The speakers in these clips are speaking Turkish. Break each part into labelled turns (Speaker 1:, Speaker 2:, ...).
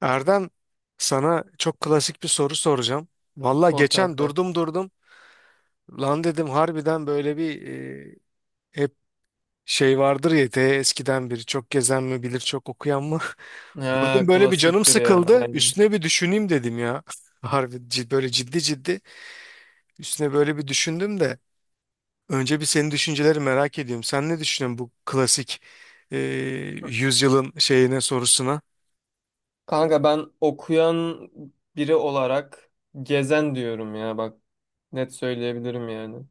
Speaker 1: Erdem, sana çok klasik bir soru soracağım. Valla
Speaker 2: Sor
Speaker 1: geçen
Speaker 2: kanka.
Speaker 1: durdum. Lan dedim harbiden böyle hep şey vardır ya te eskiden biri çok gezen mi bilir çok okuyan mı?
Speaker 2: Ha,
Speaker 1: Durdum böyle bir canım
Speaker 2: klasiktir ya.
Speaker 1: sıkıldı.
Speaker 2: Aynen.
Speaker 1: Üstüne bir düşüneyim dedim ya. Harbi böyle ciddi ciddi üstüne böyle bir düşündüm de. Önce bir senin düşünceleri merak ediyorum. Sen ne düşünüyorsun bu klasik e, yüzyılın şeyine sorusuna?
Speaker 2: Kanka ben okuyan biri olarak gezen diyorum ya, bak, net söyleyebilirim yani.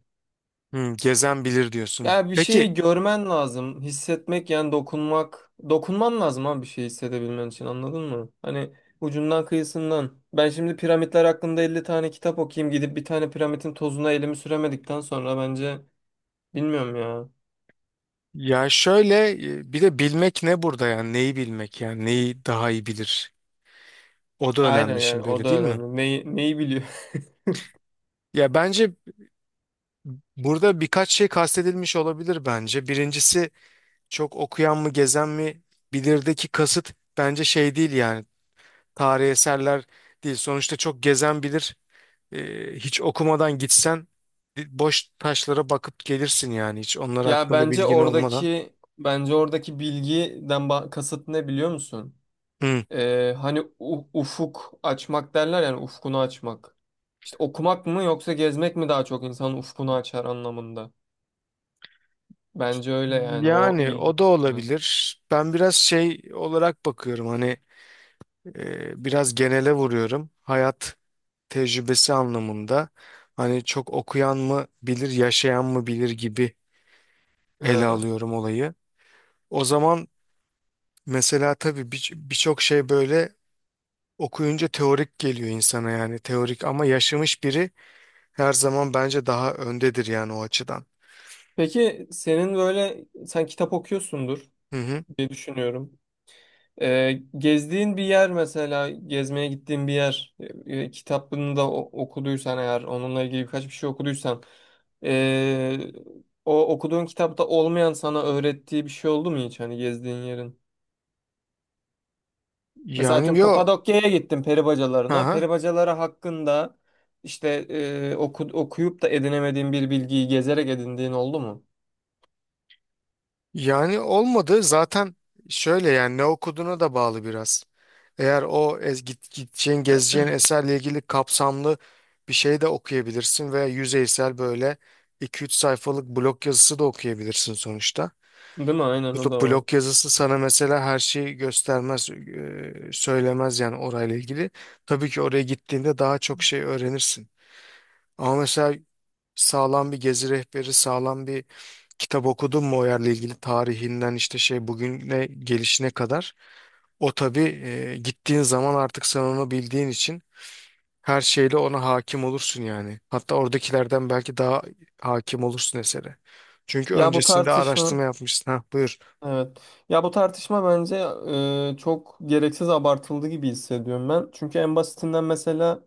Speaker 1: Hmm, gezen bilir diyorsun.
Speaker 2: Ya bir
Speaker 1: Peki
Speaker 2: şeyi görmen lazım, hissetmek yani dokunmak. Dokunman lazım abi bir şey hissedebilmen için, anladın mı? Hani ucundan kıyısından. Ben şimdi piramitler hakkında 50 tane kitap okuyayım, gidip bir tane piramitin tozuna elimi süremedikten sonra bence bilmiyorum ya.
Speaker 1: ya şöyle bir de bilmek ne burada yani neyi bilmek yani neyi daha iyi bilir, o da
Speaker 2: Aynen
Speaker 1: önemli
Speaker 2: yani
Speaker 1: şimdi,
Speaker 2: o
Speaker 1: öyle
Speaker 2: da
Speaker 1: değil mi?
Speaker 2: önemli. Neyi, neyi biliyor?
Speaker 1: Ya bence burada birkaç şey kastedilmiş olabilir bence. Birincisi çok okuyan mı gezen mi bilirdeki kasıt bence şey değil yani tarihi eserler değil. Sonuçta çok gezen bilir. E, hiç okumadan gitsen boş taşlara bakıp gelirsin yani hiç onlar
Speaker 2: Ya
Speaker 1: hakkında
Speaker 2: bence
Speaker 1: bilgin olmadan.
Speaker 2: oradaki bilgiden kasıt ne, biliyor musun?
Speaker 1: Hmm.
Speaker 2: Hani ufuk açmak derler yani ufkunu açmak. İşte okumak mı yoksa gezmek mi daha çok insanın ufkunu açar anlamında. Bence öyle yani o
Speaker 1: Yani
Speaker 2: bilgi.
Speaker 1: o da
Speaker 2: Mi?
Speaker 1: olabilir. Ben biraz şey olarak bakıyorum hani biraz genele vuruyorum. Hayat tecrübesi anlamında hani çok okuyan mı bilir, yaşayan mı bilir gibi ele
Speaker 2: Ha.
Speaker 1: alıyorum olayı. O zaman mesela tabii birçok şey böyle okuyunca teorik geliyor insana yani teorik, ama yaşamış biri her zaman bence daha öndedir yani o açıdan.
Speaker 2: Peki senin böyle, sen kitap okuyorsundur
Speaker 1: Hı hı.
Speaker 2: diye düşünüyorum. Gezdiğin bir yer, mesela gezmeye gittiğin bir yer, kitabını da okuduysan, eğer onunla ilgili birkaç bir şey okuduysan, ee, o okuduğun kitapta olmayan sana öğrettiği bir şey oldu mu hiç, hani gezdiğin yerin? Mesela
Speaker 1: Yani
Speaker 2: atıyorum
Speaker 1: yo.
Speaker 2: Kapadokya'ya gittim,
Speaker 1: Hı
Speaker 2: peribacalarına.
Speaker 1: hı.
Speaker 2: Peribacaları hakkında işte okuyup da edinemediğin bir bilgiyi gezerek edindiğin oldu mu?
Speaker 1: Yani olmadı zaten, şöyle yani ne okuduğuna da bağlı biraz. Eğer o gideceğin gezeceğin eserle ilgili kapsamlı bir şey de okuyabilirsin veya yüzeysel böyle 2-3 sayfalık blog yazısı da okuyabilirsin sonuçta.
Speaker 2: Değil mi? Aynen, o
Speaker 1: Bu
Speaker 2: da var.
Speaker 1: blog yazısı sana mesela her şeyi göstermez, söylemez yani orayla ilgili. Tabii ki oraya gittiğinde daha çok şey öğrenirsin. Ama mesela sağlam bir gezi rehberi, sağlam bir kitap okudun mu o yerle ilgili tarihinden işte şey bugüne gelişine kadar. O tabii, gittiğin zaman artık sen onu bildiğin için her şeyle ona hakim olursun yani. Hatta oradakilerden belki daha hakim olursun esere. Çünkü
Speaker 2: Ya bu
Speaker 1: öncesinde
Speaker 2: tartışma.
Speaker 1: araştırma yapmışsın. Ha buyur.
Speaker 2: Evet. Ya bu tartışma bence çok gereksiz abartıldı gibi hissediyorum ben. Çünkü en basitinden mesela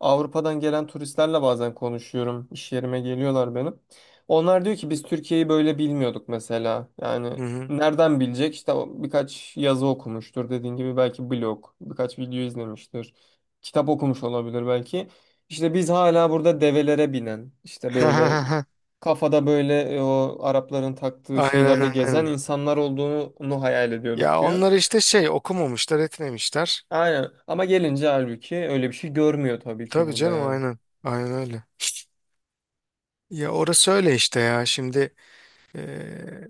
Speaker 2: Avrupa'dan gelen turistlerle bazen konuşuyorum. İş yerime geliyorlar benim. Onlar diyor ki biz Türkiye'yi böyle bilmiyorduk mesela.
Speaker 1: Hı
Speaker 2: Yani
Speaker 1: hı.
Speaker 2: nereden bilecek? İşte o birkaç yazı okumuştur dediğin gibi, belki blog, birkaç video izlemiştir. Kitap okumuş olabilir belki. İşte biz hala burada develere binen, işte böyle kafada, böyle o Arapların taktığı
Speaker 1: Aynen
Speaker 2: şeylerle
Speaker 1: aynen
Speaker 2: gezen
Speaker 1: aynen.
Speaker 2: insanlar olduğunu hayal ediyorduk
Speaker 1: Ya
Speaker 2: diyor.
Speaker 1: onlar işte şey okumamışlar etmemişler.
Speaker 2: Aynen, ama gelince halbuki öyle bir şey görmüyor tabii ki
Speaker 1: Tabii
Speaker 2: burada
Speaker 1: canım
Speaker 2: yani.
Speaker 1: aynen. Aynen öyle. Ya orası öyle işte ya. Şimdi e,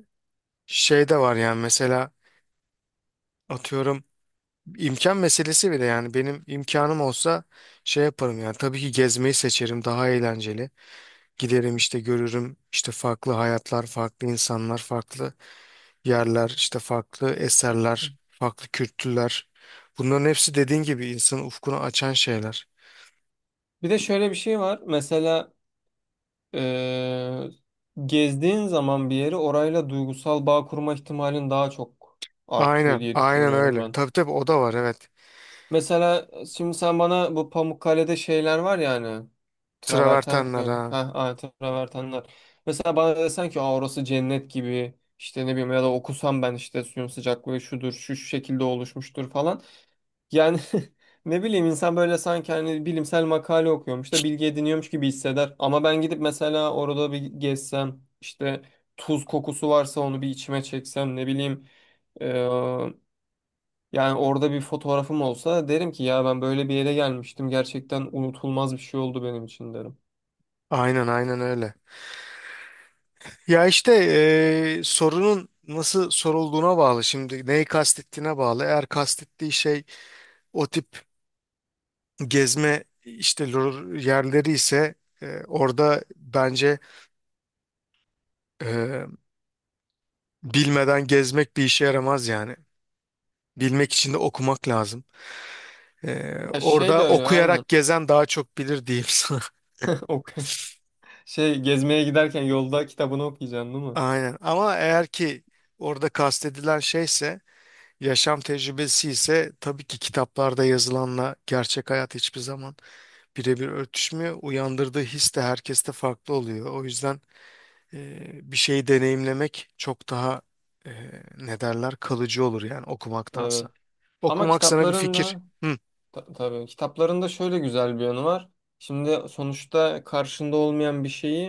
Speaker 1: şey de var yani mesela atıyorum İmkan meselesi bile yani benim imkanım olsa şey yaparım yani tabii ki gezmeyi seçerim, daha eğlenceli. Giderim işte görürüm işte farklı hayatlar, farklı insanlar, farklı yerler, işte farklı eserler, farklı kültürler. Bunların hepsi dediğin gibi insanın ufkunu açan şeyler.
Speaker 2: Bir de şöyle bir şey var mesela, e, gezdiğin zaman bir yeri, orayla duygusal bağ kurma ihtimalin daha çok artıyor
Speaker 1: Aynen,
Speaker 2: diye
Speaker 1: aynen
Speaker 2: düşünüyorum
Speaker 1: öyle.
Speaker 2: ben.
Speaker 1: Tabii tabii o da var, evet.
Speaker 2: Mesela şimdi sen bana bu Pamukkale'de şeyler var ya, hani traverten mi
Speaker 1: Travertenler
Speaker 2: diyor?
Speaker 1: ha.
Speaker 2: Ha, ha, travertenler. Mesela bana desen ki aa, orası cennet gibi işte, ne bileyim, ya da okusam ben işte suyun sıcaklığı şudur, şu şekilde oluşmuştur falan. Yani ne bileyim, insan böyle sanki hani bilimsel makale okuyormuş da bilgi ediniyormuş gibi hisseder. Ama ben gidip mesela orada bir gezsem, işte tuz kokusu varsa onu bir içime çeksem, ne bileyim, yani orada bir fotoğrafım olsa, derim ki ya ben böyle bir yere gelmiştim. Gerçekten unutulmaz bir şey oldu benim için, derim.
Speaker 1: Aynen aynen öyle. Ya işte sorunun nasıl sorulduğuna bağlı şimdi. Neyi kastettiğine bağlı. Eğer kastettiği şey o tip gezme işte yerleri ise orada bence e, bilmeden gezmek bir işe yaramaz yani. Bilmek için de okumak lazım. E,
Speaker 2: Ya şey de
Speaker 1: orada
Speaker 2: öyle, aynen.
Speaker 1: okuyarak gezen daha çok bilir diyeyim sana.
Speaker 2: Ok. Şey, gezmeye giderken yolda kitabını okuyacaksın değil mi?
Speaker 1: Aynen. Ama eğer ki orada kastedilen şeyse, yaşam tecrübesi ise, tabii ki kitaplarda yazılanla gerçek hayat hiçbir zaman birebir örtüşmüyor. Uyandırdığı his de herkeste farklı oluyor. O yüzden bir şeyi deneyimlemek çok daha ne derler kalıcı olur yani
Speaker 2: Evet.
Speaker 1: okumaktansa.
Speaker 2: Ama
Speaker 1: Okumak sana bir
Speaker 2: kitapların
Speaker 1: fikir.
Speaker 2: da
Speaker 1: Hı.
Speaker 2: tabii kitapların da şöyle güzel bir yanı var. Şimdi sonuçta karşında olmayan bir şeyi,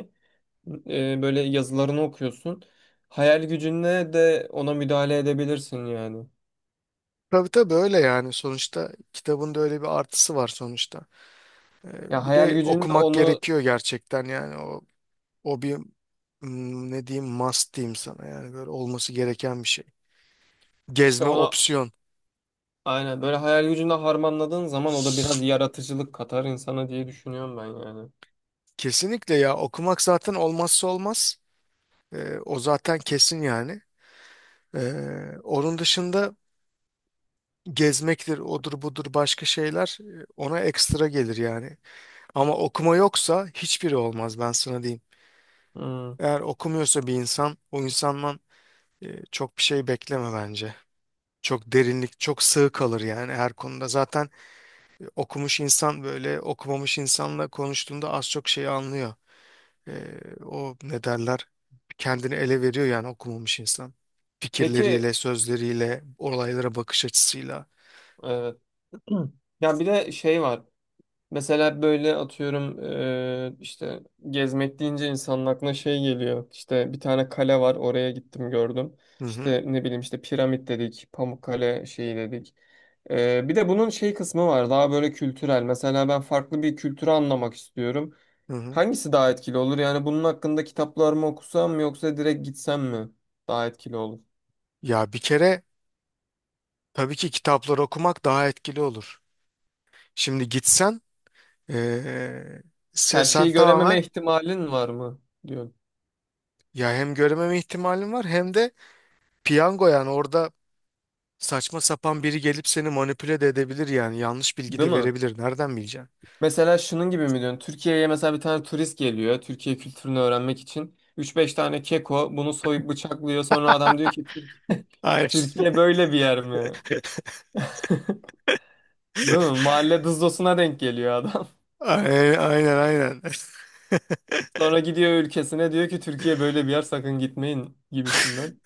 Speaker 2: böyle yazılarını okuyorsun. Hayal gücünle de ona müdahale edebilirsin yani.
Speaker 1: Tabii tabii öyle yani, sonuçta kitabın da öyle bir artısı var sonuçta. E,
Speaker 2: Ya
Speaker 1: bir
Speaker 2: hayal
Speaker 1: de
Speaker 2: gücünle
Speaker 1: okumak
Speaker 2: onu
Speaker 1: gerekiyor gerçekten yani o o ne diyeyim must diyeyim sana yani, böyle olması gereken bir şey.
Speaker 2: işte,
Speaker 1: Gezme
Speaker 2: ona
Speaker 1: opsiyon.
Speaker 2: aynen, böyle hayal gücünde harmanladığın zaman o da biraz yaratıcılık katar insana diye düşünüyorum ben yani.
Speaker 1: Kesinlikle ya, okumak zaten olmazsa olmaz. E, o zaten kesin yani. E, onun dışında gezmektir, odur budur başka şeyler ona ekstra gelir yani. Ama okuma yoksa hiçbiri olmaz, ben sana diyeyim.
Speaker 2: Hmm.
Speaker 1: Eğer okumuyorsa bir insan, o insandan çok bir şey bekleme bence. Çok derinlik, çok sığ kalır yani her konuda. Zaten okumuş insan böyle okumamış insanla konuştuğunda az çok şeyi anlıyor. E, o ne derler? Kendini ele veriyor yani okumamış insan.
Speaker 2: Peki,
Speaker 1: Fikirleriyle, sözleriyle, olaylara bakış açısıyla.
Speaker 2: evet. Ya bir de şey var. Mesela böyle atıyorum, işte gezmek deyince insanın aklına şey geliyor. İşte bir tane kale var, oraya gittim gördüm.
Speaker 1: Hı hı,
Speaker 2: İşte ne bileyim, işte piramit dedik, Pamukkale şeyi dedik. E, bir de bunun şey kısmı var, daha böyle kültürel. Mesela ben farklı bir kültürü anlamak istiyorum.
Speaker 1: hı hı.
Speaker 2: Hangisi daha etkili olur? Yani bunun hakkında kitaplar mı okusam mı, yoksa direkt gitsem mi daha etkili olur?
Speaker 1: Ya bir kere tabii ki kitapları okumak daha etkili olur. Şimdi gitsen, eee,
Speaker 2: Her
Speaker 1: sen
Speaker 2: şeyi görememe
Speaker 1: tamamen
Speaker 2: ihtimalin var mı diyorsun.
Speaker 1: ya hem görmeme ihtimalin var, hem de piyango yani orada saçma sapan biri gelip seni manipüle de edebilir yani yanlış bilgi
Speaker 2: Değil
Speaker 1: de
Speaker 2: mi?
Speaker 1: verebilir. Nereden bileceksin?
Speaker 2: Mesela şunun gibi mi diyorsun? Türkiye'ye mesela bir tane turist geliyor. Türkiye kültürünü öğrenmek için. Üç beş tane keko bunu soyup bıçaklıyor. Sonra adam diyor ki Türk
Speaker 1: Aynen.
Speaker 2: Türkiye böyle bir yer mi? Değil mi? Mahalle dızdosuna denk geliyor adam.
Speaker 1: Aynen aynen, aynen.
Speaker 2: Sonra gidiyor ülkesine, diyor ki Türkiye böyle bir yer, sakın gitmeyin gibisinden.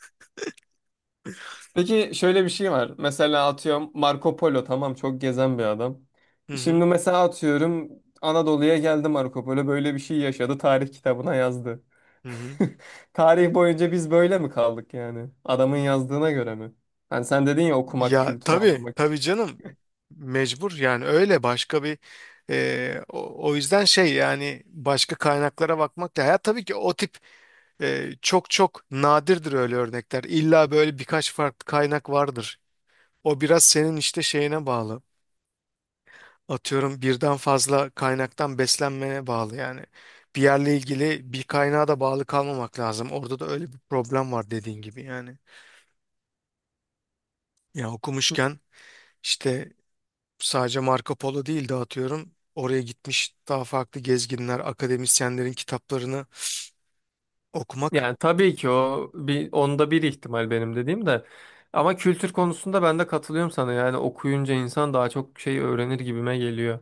Speaker 2: Peki şöyle bir şey var. Mesela atıyorum Marco Polo, tamam, çok gezen bir adam.
Speaker 1: Hı hı,
Speaker 2: Şimdi mesela atıyorum Anadolu'ya geldi Marco Polo, böyle bir şey yaşadı, tarih kitabına yazdı.
Speaker 1: hı hı.
Speaker 2: Tarih boyunca biz böyle mi kaldık yani? Adamın yazdığına göre mi? Hani sen dedin ya okumak
Speaker 1: Ya
Speaker 2: kültürü
Speaker 1: tabii
Speaker 2: anlamak için.
Speaker 1: tabii canım mecbur yani, öyle başka bir o yüzden şey yani başka kaynaklara bakmak da, ya tabii ki o tip. Çok çok nadirdir öyle örnekler. İlla böyle birkaç farklı kaynak vardır. O biraz senin işte şeyine bağlı. Atıyorum birden fazla kaynaktan beslenmene bağlı yani. Bir yerle ilgili bir kaynağa da bağlı kalmamak lazım. Orada da öyle bir problem var dediğin gibi yani. Ya okumuşken işte sadece Marco Polo değil de atıyorum oraya gitmiş daha farklı gezginler, akademisyenlerin kitaplarını okumak.
Speaker 2: Yani tabii ki o bir, onda bir ihtimal benim dediğim de. Ama kültür konusunda ben de katılıyorum sana. Yani okuyunca insan daha çok şey öğrenir gibime geliyor.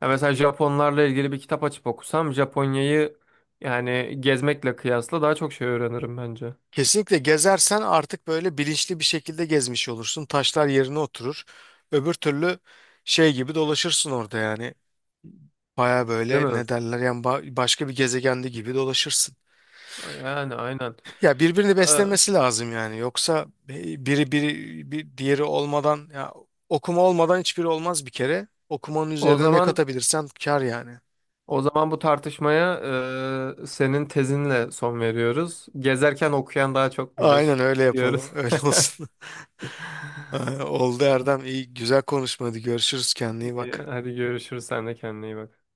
Speaker 2: Ya mesela Japonlarla ilgili bir kitap açıp okusam Japonya'yı, yani gezmekle kıyasla daha çok şey öğrenirim bence.
Speaker 1: Kesinlikle gezersen artık böyle bilinçli bir şekilde gezmiş olursun. Taşlar yerine oturur. Öbür türlü şey gibi dolaşırsın orada yani. Baya
Speaker 2: Değil
Speaker 1: böyle
Speaker 2: mi?
Speaker 1: ne derler yani başka bir gezegende gibi dolaşırsın.
Speaker 2: Yani aynen.
Speaker 1: Ya birbirini
Speaker 2: Ee,
Speaker 1: beslemesi lazım yani. Yoksa biri bir diğeri olmadan ya, okuma olmadan hiçbiri olmaz bir kere. Okumanın
Speaker 2: O
Speaker 1: üzerine ne
Speaker 2: zaman
Speaker 1: katabilirsen kar yani.
Speaker 2: bu tartışmaya senin tezinle son veriyoruz. Gezerken okuyan daha çok
Speaker 1: Aynen
Speaker 2: bilir
Speaker 1: öyle yapalım.
Speaker 2: diyoruz.
Speaker 1: Öyle olsun. Oldu Erdem. İyi güzel konuşmadı. Görüşürüz, kendine iyi bak.
Speaker 2: Hadi görüşürüz. Sen de kendine iyi bak.